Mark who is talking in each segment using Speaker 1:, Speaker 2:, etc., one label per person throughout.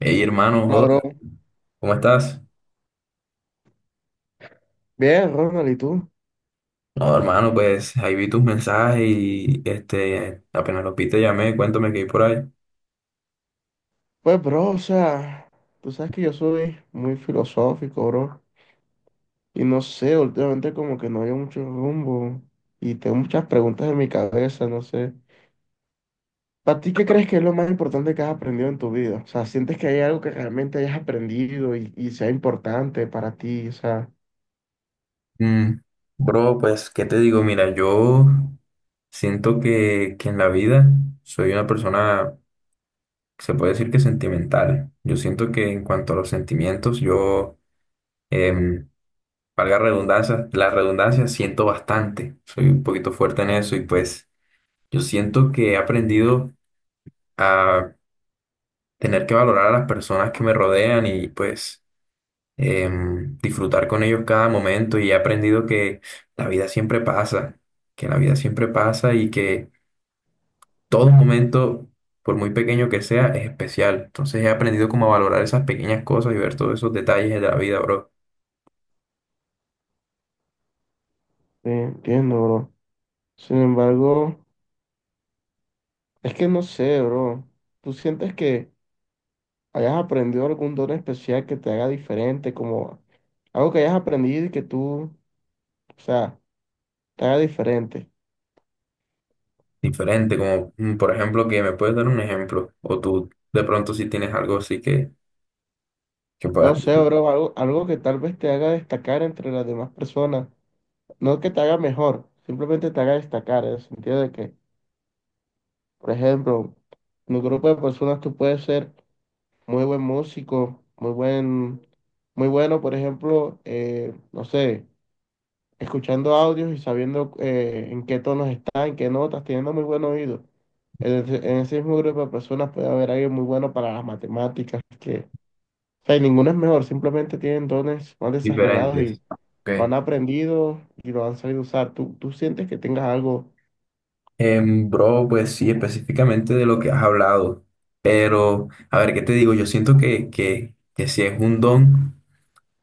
Speaker 1: Hey hermano,
Speaker 2: Hola, bro.
Speaker 1: joder, ¿cómo estás?
Speaker 2: Bien, Ronald, ¿y tú?
Speaker 1: No, hermano, pues ahí vi tus mensajes y este, apenas los vi te llamé, cuéntame qué hay por ahí.
Speaker 2: Pues, bro, o sea, tú sabes que yo soy muy filosófico, bro. Y no sé, últimamente como que no hay mucho rumbo. Y tengo muchas preguntas en mi cabeza, no sé. ¿Para ti qué crees que es lo más importante que has aprendido en tu vida? O sea, ¿sientes que hay algo que realmente hayas aprendido y sea importante para ti? O sea,
Speaker 1: Mm, bro, pues, ¿qué te digo? Mira, yo siento que en la vida soy una persona, se puede decir que sentimental. Yo siento que en cuanto a los sentimientos, yo, em, valga redundancia, la redundancia, siento bastante. Soy un poquito fuerte en eso y pues yo siento que he aprendido a tener que valorar a las personas que me rodean y pues disfrutar con ellos cada momento y he aprendido que la vida siempre pasa, que la vida siempre pasa y que todo momento, por muy pequeño que sea, es especial. Entonces he aprendido como a valorar esas pequeñas cosas y ver todos esos detalles de la vida, bro.
Speaker 2: sí, entiendo, bro. Sin embargo, es que no sé, bro. ¿Tú sientes que hayas aprendido algún don especial que te haga diferente, como algo que hayas aprendido y que tú, o sea, te haga diferente?
Speaker 1: Diferente, como por ejemplo, que me puedes dar un ejemplo, o tú de pronto si tienes algo así que
Speaker 2: No
Speaker 1: puedas
Speaker 2: sé,
Speaker 1: decir
Speaker 2: bro, algo, algo que tal vez te haga destacar entre las demás personas. No que te haga mejor, simplemente te haga destacar, en el sentido de que, por ejemplo, en un grupo de personas tú puedes ser muy buen músico, muy buen, muy bueno, por ejemplo, no sé, escuchando audios y sabiendo en qué tonos está, en qué notas, teniendo muy buen oído. En ese mismo grupo de personas puede haber alguien muy bueno para las matemáticas, que, o sea, y ninguno es mejor, simplemente tienen dones más desarrollados y
Speaker 1: diferentes. Ok.
Speaker 2: lo han aprendido y lo han sabido usar. Tú sientes que tengas algo.
Speaker 1: Bro, pues sí, específicamente de lo que has hablado. Pero, a ver, ¿qué te digo? Yo siento que sí es un don,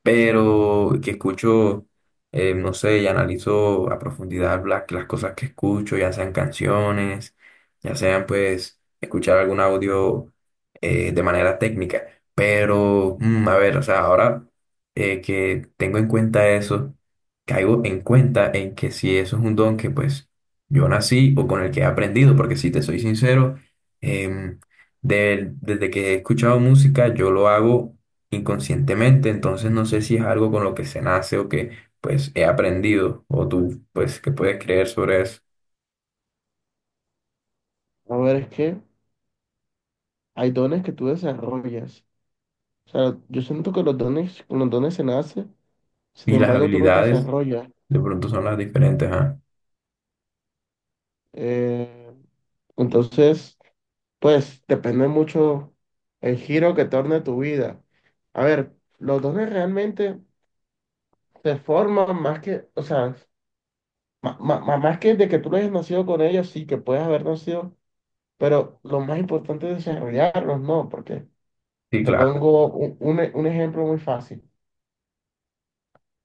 Speaker 1: pero que escucho, no sé, y analizo a profundidad las cosas que escucho, ya sean canciones, ya sean pues escuchar algún audio de manera técnica. Pero, mm, a ver, o sea, ahora que tengo en cuenta eso, caigo en cuenta en que si eso es un don que pues yo nací o con el que he aprendido, porque si te soy sincero, em, desde que he escuchado música, yo lo hago inconscientemente, entonces no sé si es algo con lo que se nace o que pues he aprendido o tú pues que puedes creer sobre eso.
Speaker 2: A ver, es que hay dones que tú desarrollas. O sea, yo siento que los dones, con los dones se nace, sin
Speaker 1: Y las
Speaker 2: embargo, tú los
Speaker 1: habilidades
Speaker 2: desarrollas.
Speaker 1: de pronto son las diferentes, ¿ah?
Speaker 2: Eh, entonces pues depende mucho el giro que torne tu vida. A ver, los dones realmente se forman más que, o sea, más, que de que tú no hayas nacido con ellos, sí que puedes haber nacido, pero lo más importante es desarrollarlos, ¿no? Porque
Speaker 1: Sí,
Speaker 2: te
Speaker 1: claro.
Speaker 2: pongo un un ejemplo muy fácil.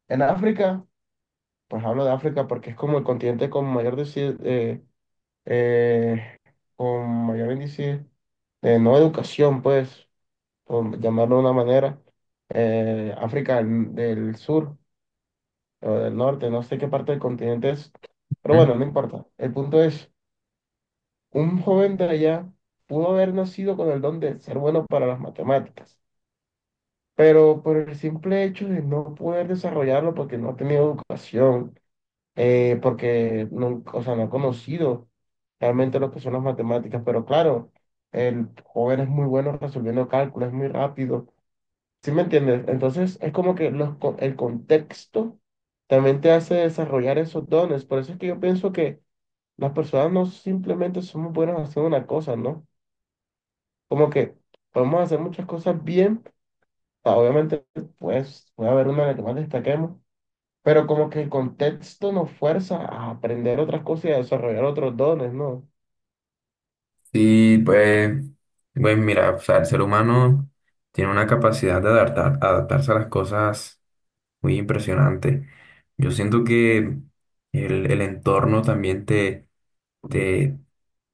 Speaker 2: En África, pues hablo de África porque es como el continente con mayor, eh, con mayor índice de no educación, pues, por llamarlo de una manera. África del, del sur o del norte, no sé qué parte del continente es, pero
Speaker 1: Ujú.
Speaker 2: bueno, no importa. El punto es, un joven de allá pudo haber nacido con el don de ser bueno para las matemáticas, pero por el simple hecho de no poder desarrollarlo porque no ha tenido educación, porque no, o sea, no ha conocido realmente lo que son las matemáticas, pero claro, el joven es muy bueno resolviendo cálculos, es muy rápido. ¿Sí me entiendes? Entonces es como que los el contexto también te hace desarrollar esos dones. Por eso es que yo pienso que las personas no simplemente somos buenas haciendo una cosa, ¿no? Como que podemos hacer muchas cosas bien. Obviamente, pues puede haber una en la que más destaquemos, pero como que el contexto nos fuerza a aprender otras cosas y a desarrollar otros dones, ¿no?
Speaker 1: Sí, pues, pues mira, o sea, el ser humano tiene una capacidad de adaptar, adaptarse a las cosas muy impresionante. Yo siento que el entorno también te te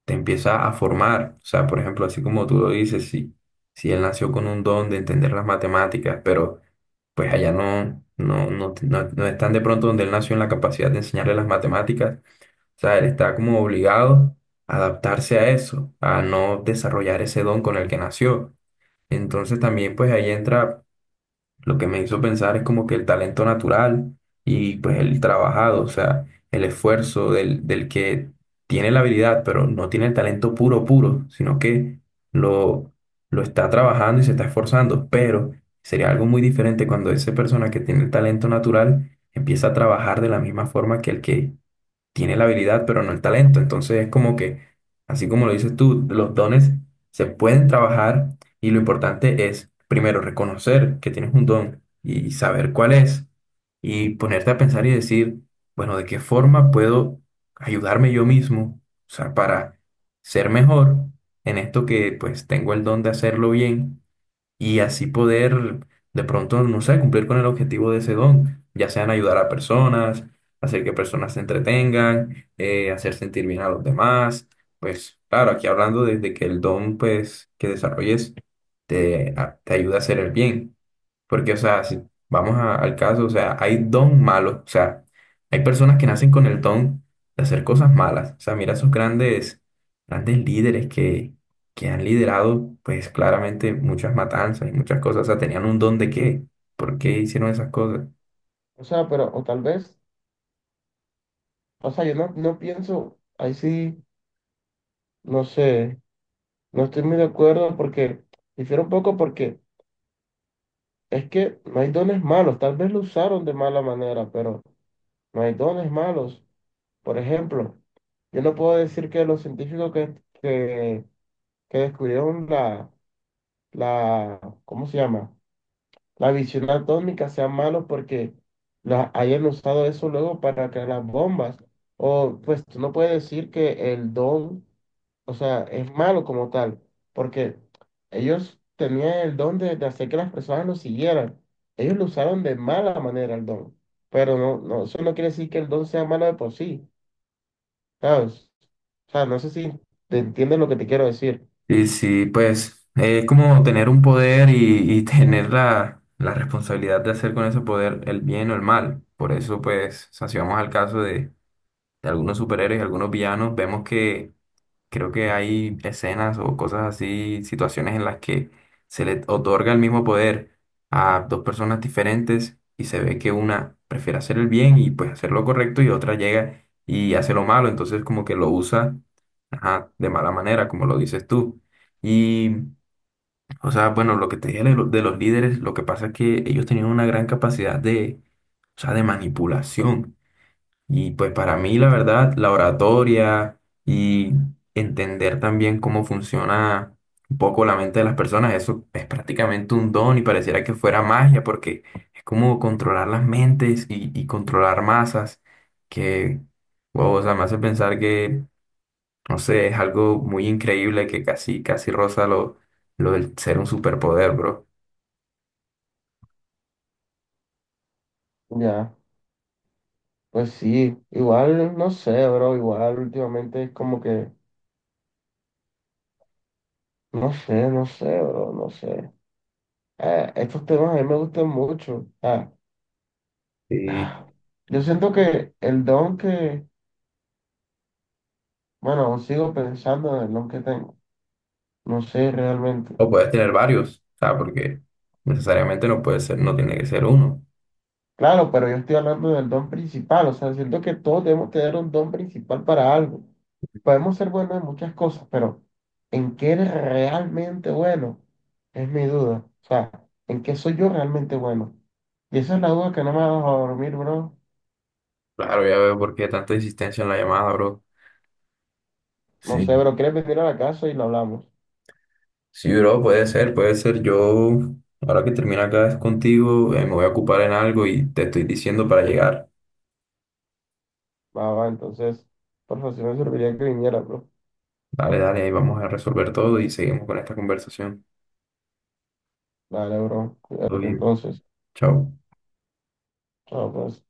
Speaker 1: te empieza a formar. O sea, por ejemplo, así como tú lo dices, si, si él nació con un don de entender las matemáticas, pero pues allá no están de pronto donde él nació en la capacidad de enseñarle las matemáticas. O sea, él está como obligado a adaptarse a eso, a no desarrollar ese don con el que nació. Entonces también pues ahí entra lo que me hizo pensar es como que el talento natural y pues el trabajado, o sea, el esfuerzo del que tiene la habilidad, pero no tiene el talento puro, puro, sino que lo, lo está trabajando y se está esforzando. Pero sería algo muy diferente cuando esa persona que tiene el talento natural empieza a trabajar de la misma forma que el que tiene la habilidad, pero no el talento. Entonces es como que, así como lo dices tú, los dones se pueden trabajar y lo importante es, primero, reconocer que tienes un don y saber cuál es y ponerte a pensar y decir, bueno, ¿de qué forma puedo ayudarme yo mismo? O sea, para ser mejor en esto que pues tengo el don de hacerlo bien y así poder de pronto, no sé, cumplir con el objetivo de ese don, ya sean ayudar a personas, hacer que personas se entretengan, hacer sentir bien a los demás. Pues claro, aquí hablando desde que el don pues que desarrolles te ayuda a hacer el bien. Porque, o sea, si vamos al caso, o sea, hay don malos, o sea, hay personas que nacen con el don de hacer cosas malas. O sea, mira esos grandes, grandes líderes que han liderado, pues claramente muchas matanzas y muchas cosas. O sea, tenían un don de qué, ¿por qué hicieron esas cosas?
Speaker 2: O sea, pero, o tal vez, o sea, yo no, no pienso, ahí sí, no sé, no estoy muy de acuerdo porque, difiero un poco porque es que no hay dones malos, tal vez lo usaron de mala manera, pero no hay dones malos. Por ejemplo, yo no puedo decir que los científicos que, que descubrieron la, ¿cómo se llama? La visión atómica sean malos porque la, hayan usado eso luego para crear las bombas. O pues tú no puedes decir que el don, o sea, es malo como tal, porque ellos tenían el don de hacer que las personas lo siguieran. Ellos lo usaron de mala manera el don, pero no, no, eso no quiere decir que el don sea malo de por sí, ¿sabes? O sea, no sé si te entiendes lo que te quiero decir.
Speaker 1: Y sí, pues es como tener un poder y tener la responsabilidad de hacer con ese poder el bien o el mal. Por eso, pues, o sea, si vamos al caso de algunos superhéroes y algunos villanos, vemos que creo que hay escenas o cosas así, situaciones en las que se le otorga el mismo poder a dos personas diferentes y se ve que una prefiere hacer el bien y pues hacer lo correcto y otra llega y hace lo malo, entonces como que lo usa, ajá, de mala manera, como lo dices tú. Y, o sea, bueno, lo que te dije de, de los líderes, lo que pasa es que ellos tenían una gran capacidad de, o sea, de manipulación. Y pues para mí, la verdad, la oratoria y entender también cómo funciona un poco la mente de las personas, eso es prácticamente un don y pareciera que fuera magia, porque es como controlar las mentes y controlar masas, que, wow, o sea, me hace pensar que, no sé, es algo muy increíble que casi, casi roza lo del ser un superpoder, bro.
Speaker 2: Ya, pues sí, igual, no sé, bro, igual últimamente es como que, no sé, no sé, bro, no sé. Estos temas a mí me gustan mucho.
Speaker 1: Y-
Speaker 2: Ah, yo siento que el don que, bueno, aún sigo pensando en el don que tengo. No sé realmente.
Speaker 1: o puedes tener varios, o sea, porque necesariamente no puede ser, no tiene que ser uno.
Speaker 2: Claro, pero yo estoy hablando del don principal. O sea, siento que todos debemos tener un don principal para algo. Podemos ser buenos en muchas cosas, pero ¿en qué eres realmente bueno? Es mi duda. O sea, ¿en qué soy yo realmente bueno? Y esa es la duda que no me ha dejado dormir, bro.
Speaker 1: Claro, ya veo por qué tanta insistencia en la llamada, bro.
Speaker 2: No
Speaker 1: Sí.
Speaker 2: sé, bro, ¿quieres venir a la casa y lo hablamos?
Speaker 1: Sí, bro, puede ser, puede ser. Yo, ahora que termina acá es contigo, me voy a ocupar en algo y te estoy diciendo para llegar.
Speaker 2: Va, va, entonces, por favor, si no me serviría que viniera, bro.
Speaker 1: Dale, dale, ahí vamos a resolver todo y seguimos con esta conversación.
Speaker 2: Dale, bro,
Speaker 1: Todo
Speaker 2: cuídate
Speaker 1: bien.
Speaker 2: entonces.
Speaker 1: Chao.
Speaker 2: Chao, pues.